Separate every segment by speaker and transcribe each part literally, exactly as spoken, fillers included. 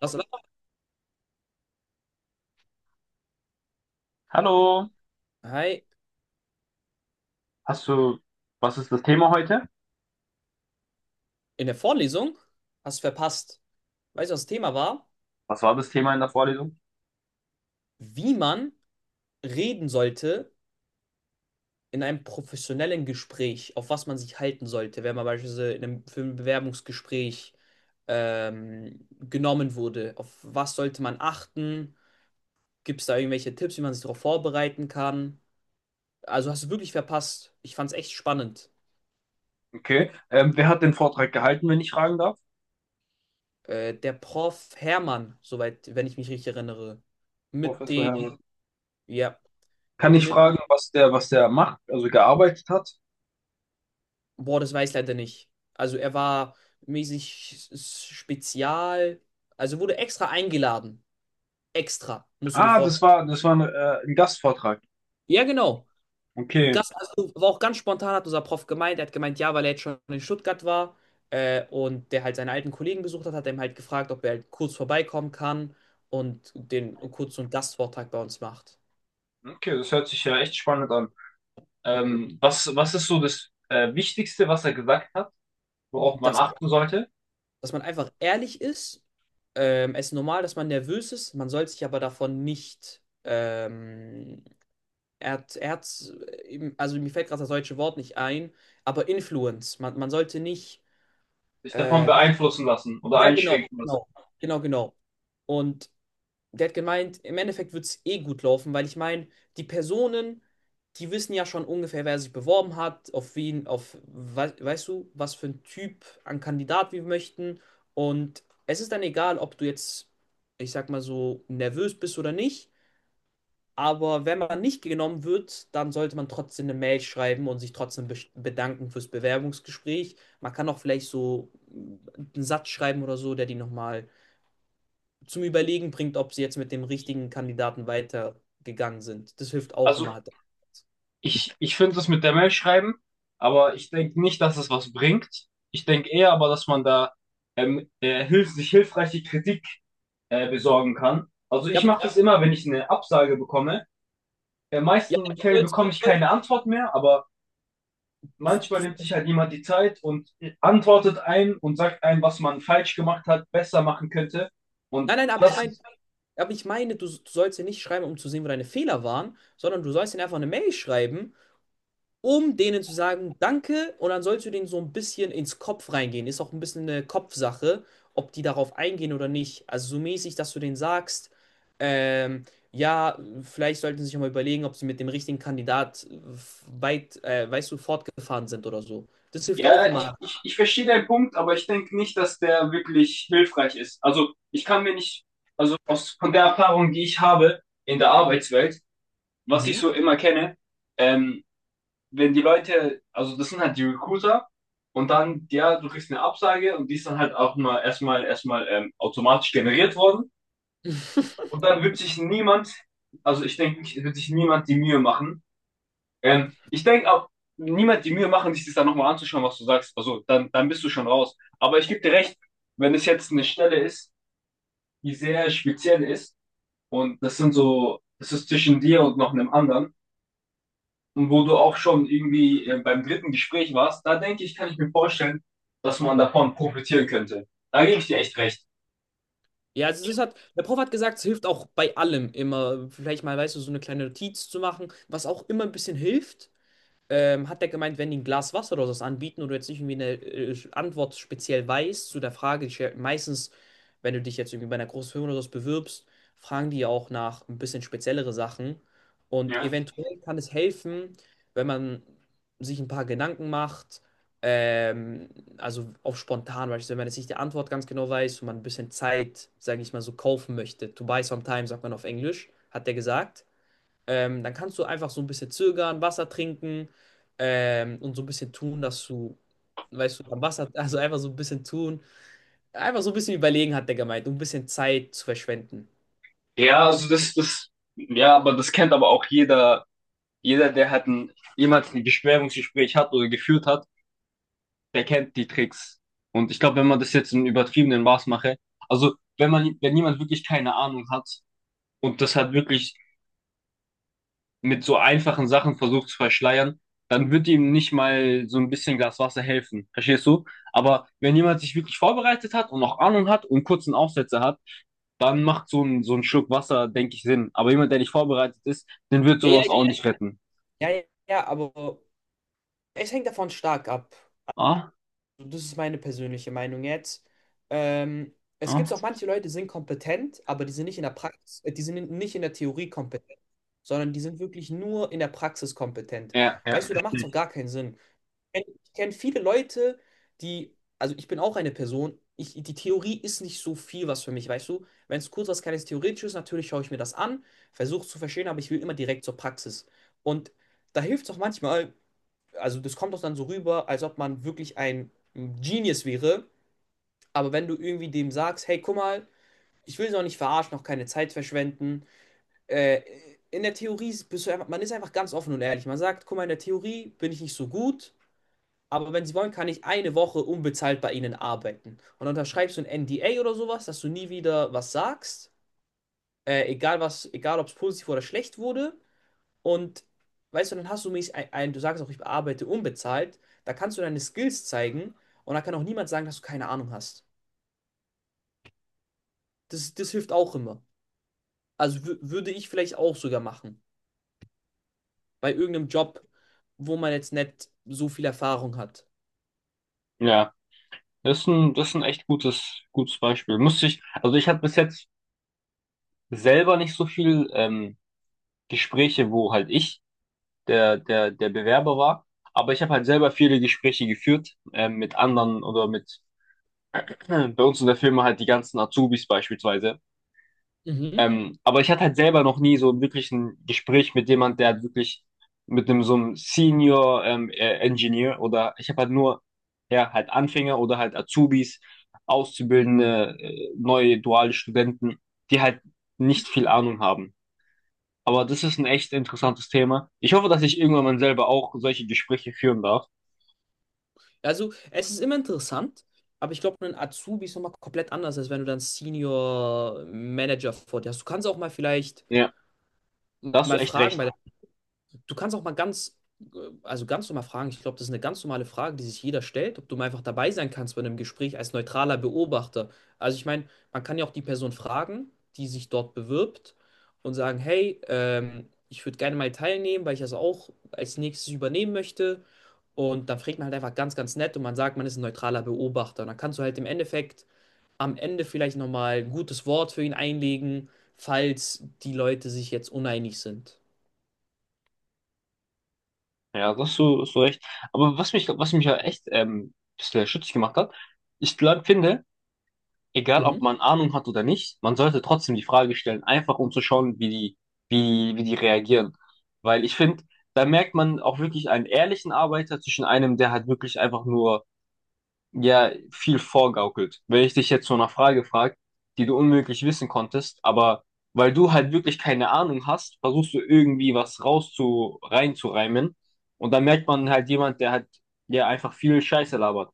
Speaker 1: Lass.
Speaker 2: Hallo,
Speaker 1: Hi,
Speaker 2: hast du, was ist das Thema heute?
Speaker 1: in der Vorlesung hast du verpasst. Weißt du, was das Thema war?
Speaker 2: Was war das Thema in der Vorlesung?
Speaker 1: Wie man reden sollte in einem professionellen Gespräch, auf was man sich halten sollte, wenn man beispielsweise in einem, für ein Bewerbungsgespräch ähm, genommen wurde. Auf was sollte man achten? Gibt es da irgendwelche Tipps, wie man sich darauf vorbereiten kann? Also hast du wirklich verpasst. Ich fand es echt spannend.
Speaker 2: Okay. Ähm, wer hat den Vortrag gehalten, wenn ich fragen darf?
Speaker 1: Äh, der Professor Hermann, soweit, wenn ich mich richtig erinnere, mit
Speaker 2: Professor
Speaker 1: dem,
Speaker 2: Hermann.
Speaker 1: ja.
Speaker 2: Kann ich
Speaker 1: Mit
Speaker 2: fragen, was der, was der macht, also gearbeitet hat?
Speaker 1: Boah, das weiß ich leider nicht. Also er war mäßig s- spezial, also wurde extra eingeladen. Extra, musst du dir
Speaker 2: Ah, das
Speaker 1: vorstellen.
Speaker 2: war, das war ein, äh, ein Gastvortrag.
Speaker 1: Ja, genau.
Speaker 2: Okay.
Speaker 1: Gast, also war auch ganz spontan, hat unser Prof gemeint. Er hat gemeint, ja, weil er jetzt schon in Stuttgart war äh, und der halt seine alten Kollegen besucht hat, hat er ihm halt gefragt, ob er halt kurz vorbeikommen kann und den kurz so einen Gastvortrag bei uns macht.
Speaker 2: Okay, das hört sich ja echt spannend an. Ähm, was, was ist so das äh, Wichtigste, was er gesagt hat, worauf man
Speaker 1: Dass,
Speaker 2: achten sollte?
Speaker 1: dass man einfach ehrlich ist. Ähm, es ist normal, dass man nervös ist, man soll sich aber davon nicht ähm, Er hat, er hat, eben- also mir fällt gerade das deutsche Wort nicht ein, aber Influence. Man, man sollte nicht,
Speaker 2: Sich davon
Speaker 1: äh, Was?
Speaker 2: beeinflussen lassen oder
Speaker 1: Ja, genau,
Speaker 2: einschränken lassen.
Speaker 1: genau, genau, genau. Und der hat gemeint, im Endeffekt wird es eh gut laufen, weil ich meine, die Personen, die wissen ja schon ungefähr, wer sich beworben hat, auf wen, auf, wei- weißt du, was für ein Typ an Kandidat wir möchten. Und es ist dann egal, ob du jetzt, ich sag mal so, nervös bist oder nicht. Aber wenn man nicht genommen wird, dann sollte man trotzdem eine Mail schreiben und sich trotzdem be- bedanken fürs Bewerbungsgespräch. Man kann auch vielleicht so mm, einen Satz schreiben oder so, der die nochmal zum Überlegen bringt, ob sie jetzt mit dem richtigen Kandidaten weitergegangen sind. Das hilft auch
Speaker 2: Also
Speaker 1: immer.
Speaker 2: Ich, ich finde das mit der Mail schreiben, aber ich denke nicht, dass es was bringt. Ich denke eher aber, dass man da ähm, äh, hilf sich hilfreiche Kritik äh, besorgen kann. Also
Speaker 1: Ja,
Speaker 2: ich
Speaker 1: aber,
Speaker 2: mache das immer, wenn ich eine Absage bekomme. In
Speaker 1: ja, du
Speaker 2: meisten Fällen
Speaker 1: sollst,
Speaker 2: bekomme ich
Speaker 1: du, sollst-
Speaker 2: keine Antwort mehr, aber
Speaker 1: du,
Speaker 2: manchmal
Speaker 1: du,
Speaker 2: nimmt sich halt jemand die Zeit und antwortet ein und sagt einem, was man falsch gemacht hat, besser machen könnte. Und
Speaker 1: nein, nein, aber
Speaker 2: ja,
Speaker 1: ich
Speaker 2: das,
Speaker 1: meine, aber ich meine, du, du sollst ja nicht schreiben, um zu sehen, wo deine Fehler waren, sondern du sollst ihnen einfach eine Mail schreiben um denen zu sagen, danke, und dann sollst du denen so ein bisschen ins Kopf reingehen. Ist auch ein bisschen eine Kopfsache, ob die darauf eingehen oder nicht. Also so mäßig, dass du denen sagst, ähm, ja, vielleicht sollten sie sich auch mal überlegen, ob sie mit dem richtigen Kandidat äh, weit, äh, weißt du, fortgefahren sind oder so. Das hilft auch
Speaker 2: ja, ich,
Speaker 1: immer.
Speaker 2: ich, ich verstehe deinen Punkt, aber ich denke nicht, dass der wirklich hilfreich ist. Also ich kann mir nicht, also aus, von der Erfahrung, die ich habe in der Arbeitswelt, was ich
Speaker 1: Mhm.
Speaker 2: so immer kenne, ähm, wenn die Leute, also das sind halt die Recruiter und dann, ja, du kriegst eine Absage und die ist dann halt auch mal erstmal erstmal ähm, automatisch generiert worden und dann wird sich niemand, also ich denke, nicht, wird sich niemand die Mühe machen, ähm, ich denke auch, niemand die Mühe machen, sich das dann nochmal anzuschauen, was du sagst. Also, dann, dann bist du schon raus. Aber ich gebe dir recht, wenn es jetzt eine Stelle ist, die sehr speziell ist und das sind so, das ist zwischen dir und noch einem anderen und wo du auch schon irgendwie äh, beim dritten Gespräch warst, da denke ich, kann ich mir vorstellen, dass man davon profitieren könnte. Da gebe ich dir echt recht.
Speaker 1: Ja, also das hat, der Prof hat gesagt, es hilft auch bei allem immer, vielleicht mal, weißt du, so eine kleine Notiz zu machen, was auch immer ein bisschen hilft. Ähm, hat der gemeint, wenn die ein Glas Wasser oder sowas anbieten und du jetzt nicht irgendwie eine äh, Antwort speziell weißt zu der Frage, die stell- meistens, wenn du dich jetzt irgendwie bei einer großen Firma oder sowas bewirbst, fragen die ja auch nach ein bisschen speziellere Sachen. Und
Speaker 2: Ja.
Speaker 1: eventuell kann es helfen, wenn man sich ein paar Gedanken macht, ähm, also auf spontan, beispielsweise, wenn man jetzt nicht die Antwort ganz genau weiß und man ein bisschen Zeit, sage ich mal, so kaufen möchte. To buy some time, sagt man auf Englisch, hat der gesagt. Ähm, dann kannst du einfach so ein bisschen zögern, Wasser trinken ähm, und so ein bisschen tun, dass du, weißt du, am Wasser, also einfach so ein bisschen tun. Einfach so ein bisschen überlegen, hat der gemeint, um ein bisschen Zeit zu verschwenden.
Speaker 2: Ja, also das, das, ja, aber das kennt aber auch jeder, jeder, der halt ein, jemals ein Bewerbungsgespräch hat oder geführt hat. Der kennt die Tricks. Und ich glaube, wenn man das jetzt in übertriebenem Maß mache, also wenn man, wenn jemand wirklich keine Ahnung hat und das hat wirklich mit so einfachen Sachen versucht zu verschleiern, dann wird ihm nicht mal so ein bisschen Glas Wasser helfen. Verstehst du? Aber wenn jemand sich wirklich vorbereitet hat und auch Ahnung hat und kurzen Aufsätze hat, dann macht so ein, so ein Schluck Wasser, denke ich, Sinn. Aber jemand, der nicht vorbereitet ist, den wird
Speaker 1: Ja, ja,
Speaker 2: sowas
Speaker 1: ich,
Speaker 2: auch nicht retten.
Speaker 1: ja, ja, ja, aber es hängt davon stark ab.
Speaker 2: Ah?
Speaker 1: Das ist meine persönliche Meinung jetzt. Ähm, es
Speaker 2: Ah?
Speaker 1: gibt auch manche Leute, die sind kompetent, aber die sind nicht in der Praxis, äh, die sind in- nicht in der Theorie kompetent, sondern die sind wirklich nur in der Praxis kompetent.
Speaker 2: Ja, ja.
Speaker 1: Weißt du, da macht es auch gar keinen Sinn. kenn- ich kenne viele Leute, die, also ich bin auch eine Person, ich, die Theorie ist nicht so viel was für mich, weißt du? Wenn es kurz was kleines Theoretisches ist, natürlich schaue ich mir das an, versuche es zu verstehen, aber ich will immer direkt zur Praxis. Und da hilft es auch manchmal, also das kommt auch dann so rüber, als ob man wirklich ein Genius wäre, aber wenn du irgendwie dem sagst, hey, guck mal, ich will sie auch nicht verarschen, noch keine Zeit verschwenden, äh, in der Theorie bist du einfach, man ist einfach ganz offen und ehrlich. Man sagt, guck mal, in der Theorie bin ich nicht so gut. Aber wenn sie wollen, kann ich eine Woche unbezahlt bei ihnen arbeiten. Und dann unterschreibst du ein N D A oder sowas, dass du nie wieder was sagst. Äh, egal was, egal ob es positiv oder schlecht wurde. Und weißt du, dann hast du mich ein, ein, du sagst auch, ich arbeite unbezahlt. Da kannst du deine Skills zeigen und da kann auch niemand sagen, dass du keine Ahnung hast. Das, das hilft auch immer. Also wü- würde ich vielleicht auch sogar machen. Bei irgendeinem Job, wo man jetzt nicht so viel Erfahrung hat.
Speaker 2: Ja. Das ist ein, das ist ein echt gutes, gutes Beispiel. Musste ich, also ich hatte bis jetzt selber nicht so viel ähm, Gespräche, wo halt ich der, der, der Bewerber war, aber ich habe halt selber viele Gespräche geführt ähm, mit anderen oder mit bei uns in der Firma halt die ganzen Azubis beispielsweise.
Speaker 1: Mhm.
Speaker 2: Ähm, aber ich hatte halt selber noch nie so wirklich ein Gespräch mit jemand, der halt wirklich mit einem so einem Senior ähm, äh, Engineer oder ich habe halt nur ja halt Anfänger oder halt Azubis, Auszubildende, äh, neue duale Studenten, die halt nicht viel Ahnung haben. Aber das ist ein echt interessantes Thema. Ich hoffe, dass ich irgendwann mal selber auch solche Gespräche führen darf.
Speaker 1: Also, es ist immer interessant, aber ich glaube, ein Azubi ist nochmal komplett anders, als wenn du dann Senior Manager vor dir hast. Du kannst auch mal vielleicht
Speaker 2: Ja, da hast du
Speaker 1: mal
Speaker 2: echt
Speaker 1: fragen
Speaker 2: recht.
Speaker 1: bei du kannst auch mal ganz, äh, also ganz normal fragen. Ich glaube, das ist eine ganz normale Frage, die sich jeder stellt, ob du mal einfach dabei sein kannst bei einem Gespräch als neutraler Beobachter. Also ich meine, man kann ja auch die Person fragen, die sich dort bewirbt und sagen, hey, ähm, ich würde gerne mal teilnehmen, weil ich das auch als nächstes übernehmen möchte. Und dann fragt man halt einfach ganz, ganz nett und man sagt, man ist ein neutraler Beobachter. Und dann kannst du halt im Endeffekt am Ende vielleicht nochmal ein gutes Wort für ihn einlegen, falls die Leute sich jetzt uneinig sind.
Speaker 2: Ja, da hast du, hast du recht. Aber was mich, was mich ja echt ähm, ein bisschen stutzig gemacht hat, ich glaub, finde, egal
Speaker 1: Mhm.
Speaker 2: ob man Ahnung hat oder nicht, man sollte trotzdem die Frage stellen, einfach um zu schauen, wie die, wie, wie die reagieren. Weil ich finde, da merkt man auch wirklich einen ehrlichen Arbeiter zwischen einem, der halt wirklich einfach nur, ja, viel vorgaukelt. Wenn ich dich jetzt so nach Frage frage, die du unmöglich wissen konntest, aber weil du halt wirklich keine Ahnung hast, versuchst du irgendwie was rauszu, reinzureimen. Und dann merkt man halt jemand, der halt, ja, einfach viel Scheiße labert.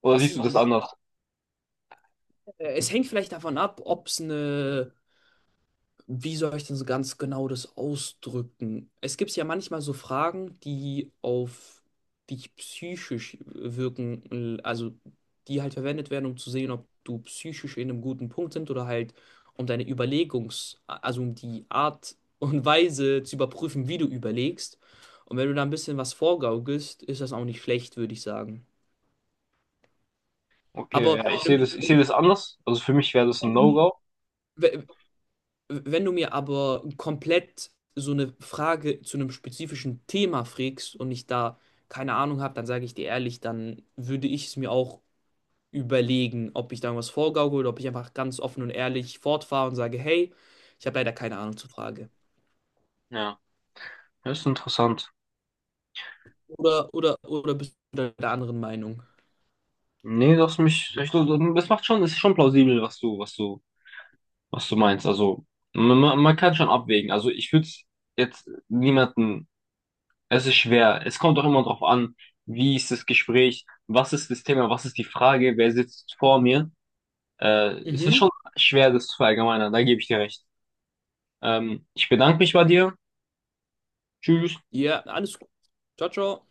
Speaker 2: Oder
Speaker 1: Was
Speaker 2: siehst du
Speaker 1: ist,
Speaker 2: das
Speaker 1: was
Speaker 2: anders?
Speaker 1: Äh, Es hängt vielleicht davon ab, ob es eine, wie soll ich denn so ganz genau das ausdrücken? Es gibt ja manchmal so Fragen, die auf dich psychisch wirken, also die halt verwendet werden, um zu sehen, ob du psychisch in einem guten Punkt sind oder halt um deine Überlegungs-, also um die Art und Weise zu überprüfen, wie du überlegst. Und wenn du da ein bisschen was vorgaukelst, ist das auch nicht schlecht, würde ich sagen.
Speaker 2: Okay,
Speaker 1: Aber
Speaker 2: ja, ich
Speaker 1: wenn
Speaker 2: sehe das, ich sehe
Speaker 1: du,
Speaker 2: das anders. Also für mich wäre das ein
Speaker 1: wenn
Speaker 2: No-Go.
Speaker 1: du, Wenn du mir aber komplett so eine Frage zu einem spezifischen Thema frägst und ich da keine Ahnung habe, dann sage ich dir ehrlich, dann würde ich es mir auch überlegen, ob ich da was vorgaukel oder ob ich einfach ganz offen und ehrlich fortfahre und sage, hey, ich habe leider keine Ahnung zur Frage.
Speaker 2: Ja, das ist interessant.
Speaker 1: Oder, oder, oder bist du da der anderen Meinung?
Speaker 2: Nee, das mich, ich, das macht schon, das ist schon plausibel, was du, was du, was du meinst. Also man, man man kann schon abwägen. Also ich würde jetzt niemanden, es ist schwer. Es kommt auch immer drauf an, wie ist das Gespräch, was ist das Thema, was ist die Frage, wer sitzt vor mir. Äh, es ist
Speaker 1: Mhm.
Speaker 2: schon schwer, das zu verallgemeinern. Da gebe ich dir recht. Ähm, ich bedanke mich bei dir. Tschüss.
Speaker 1: Ja, alles gut. Ciao, ciao.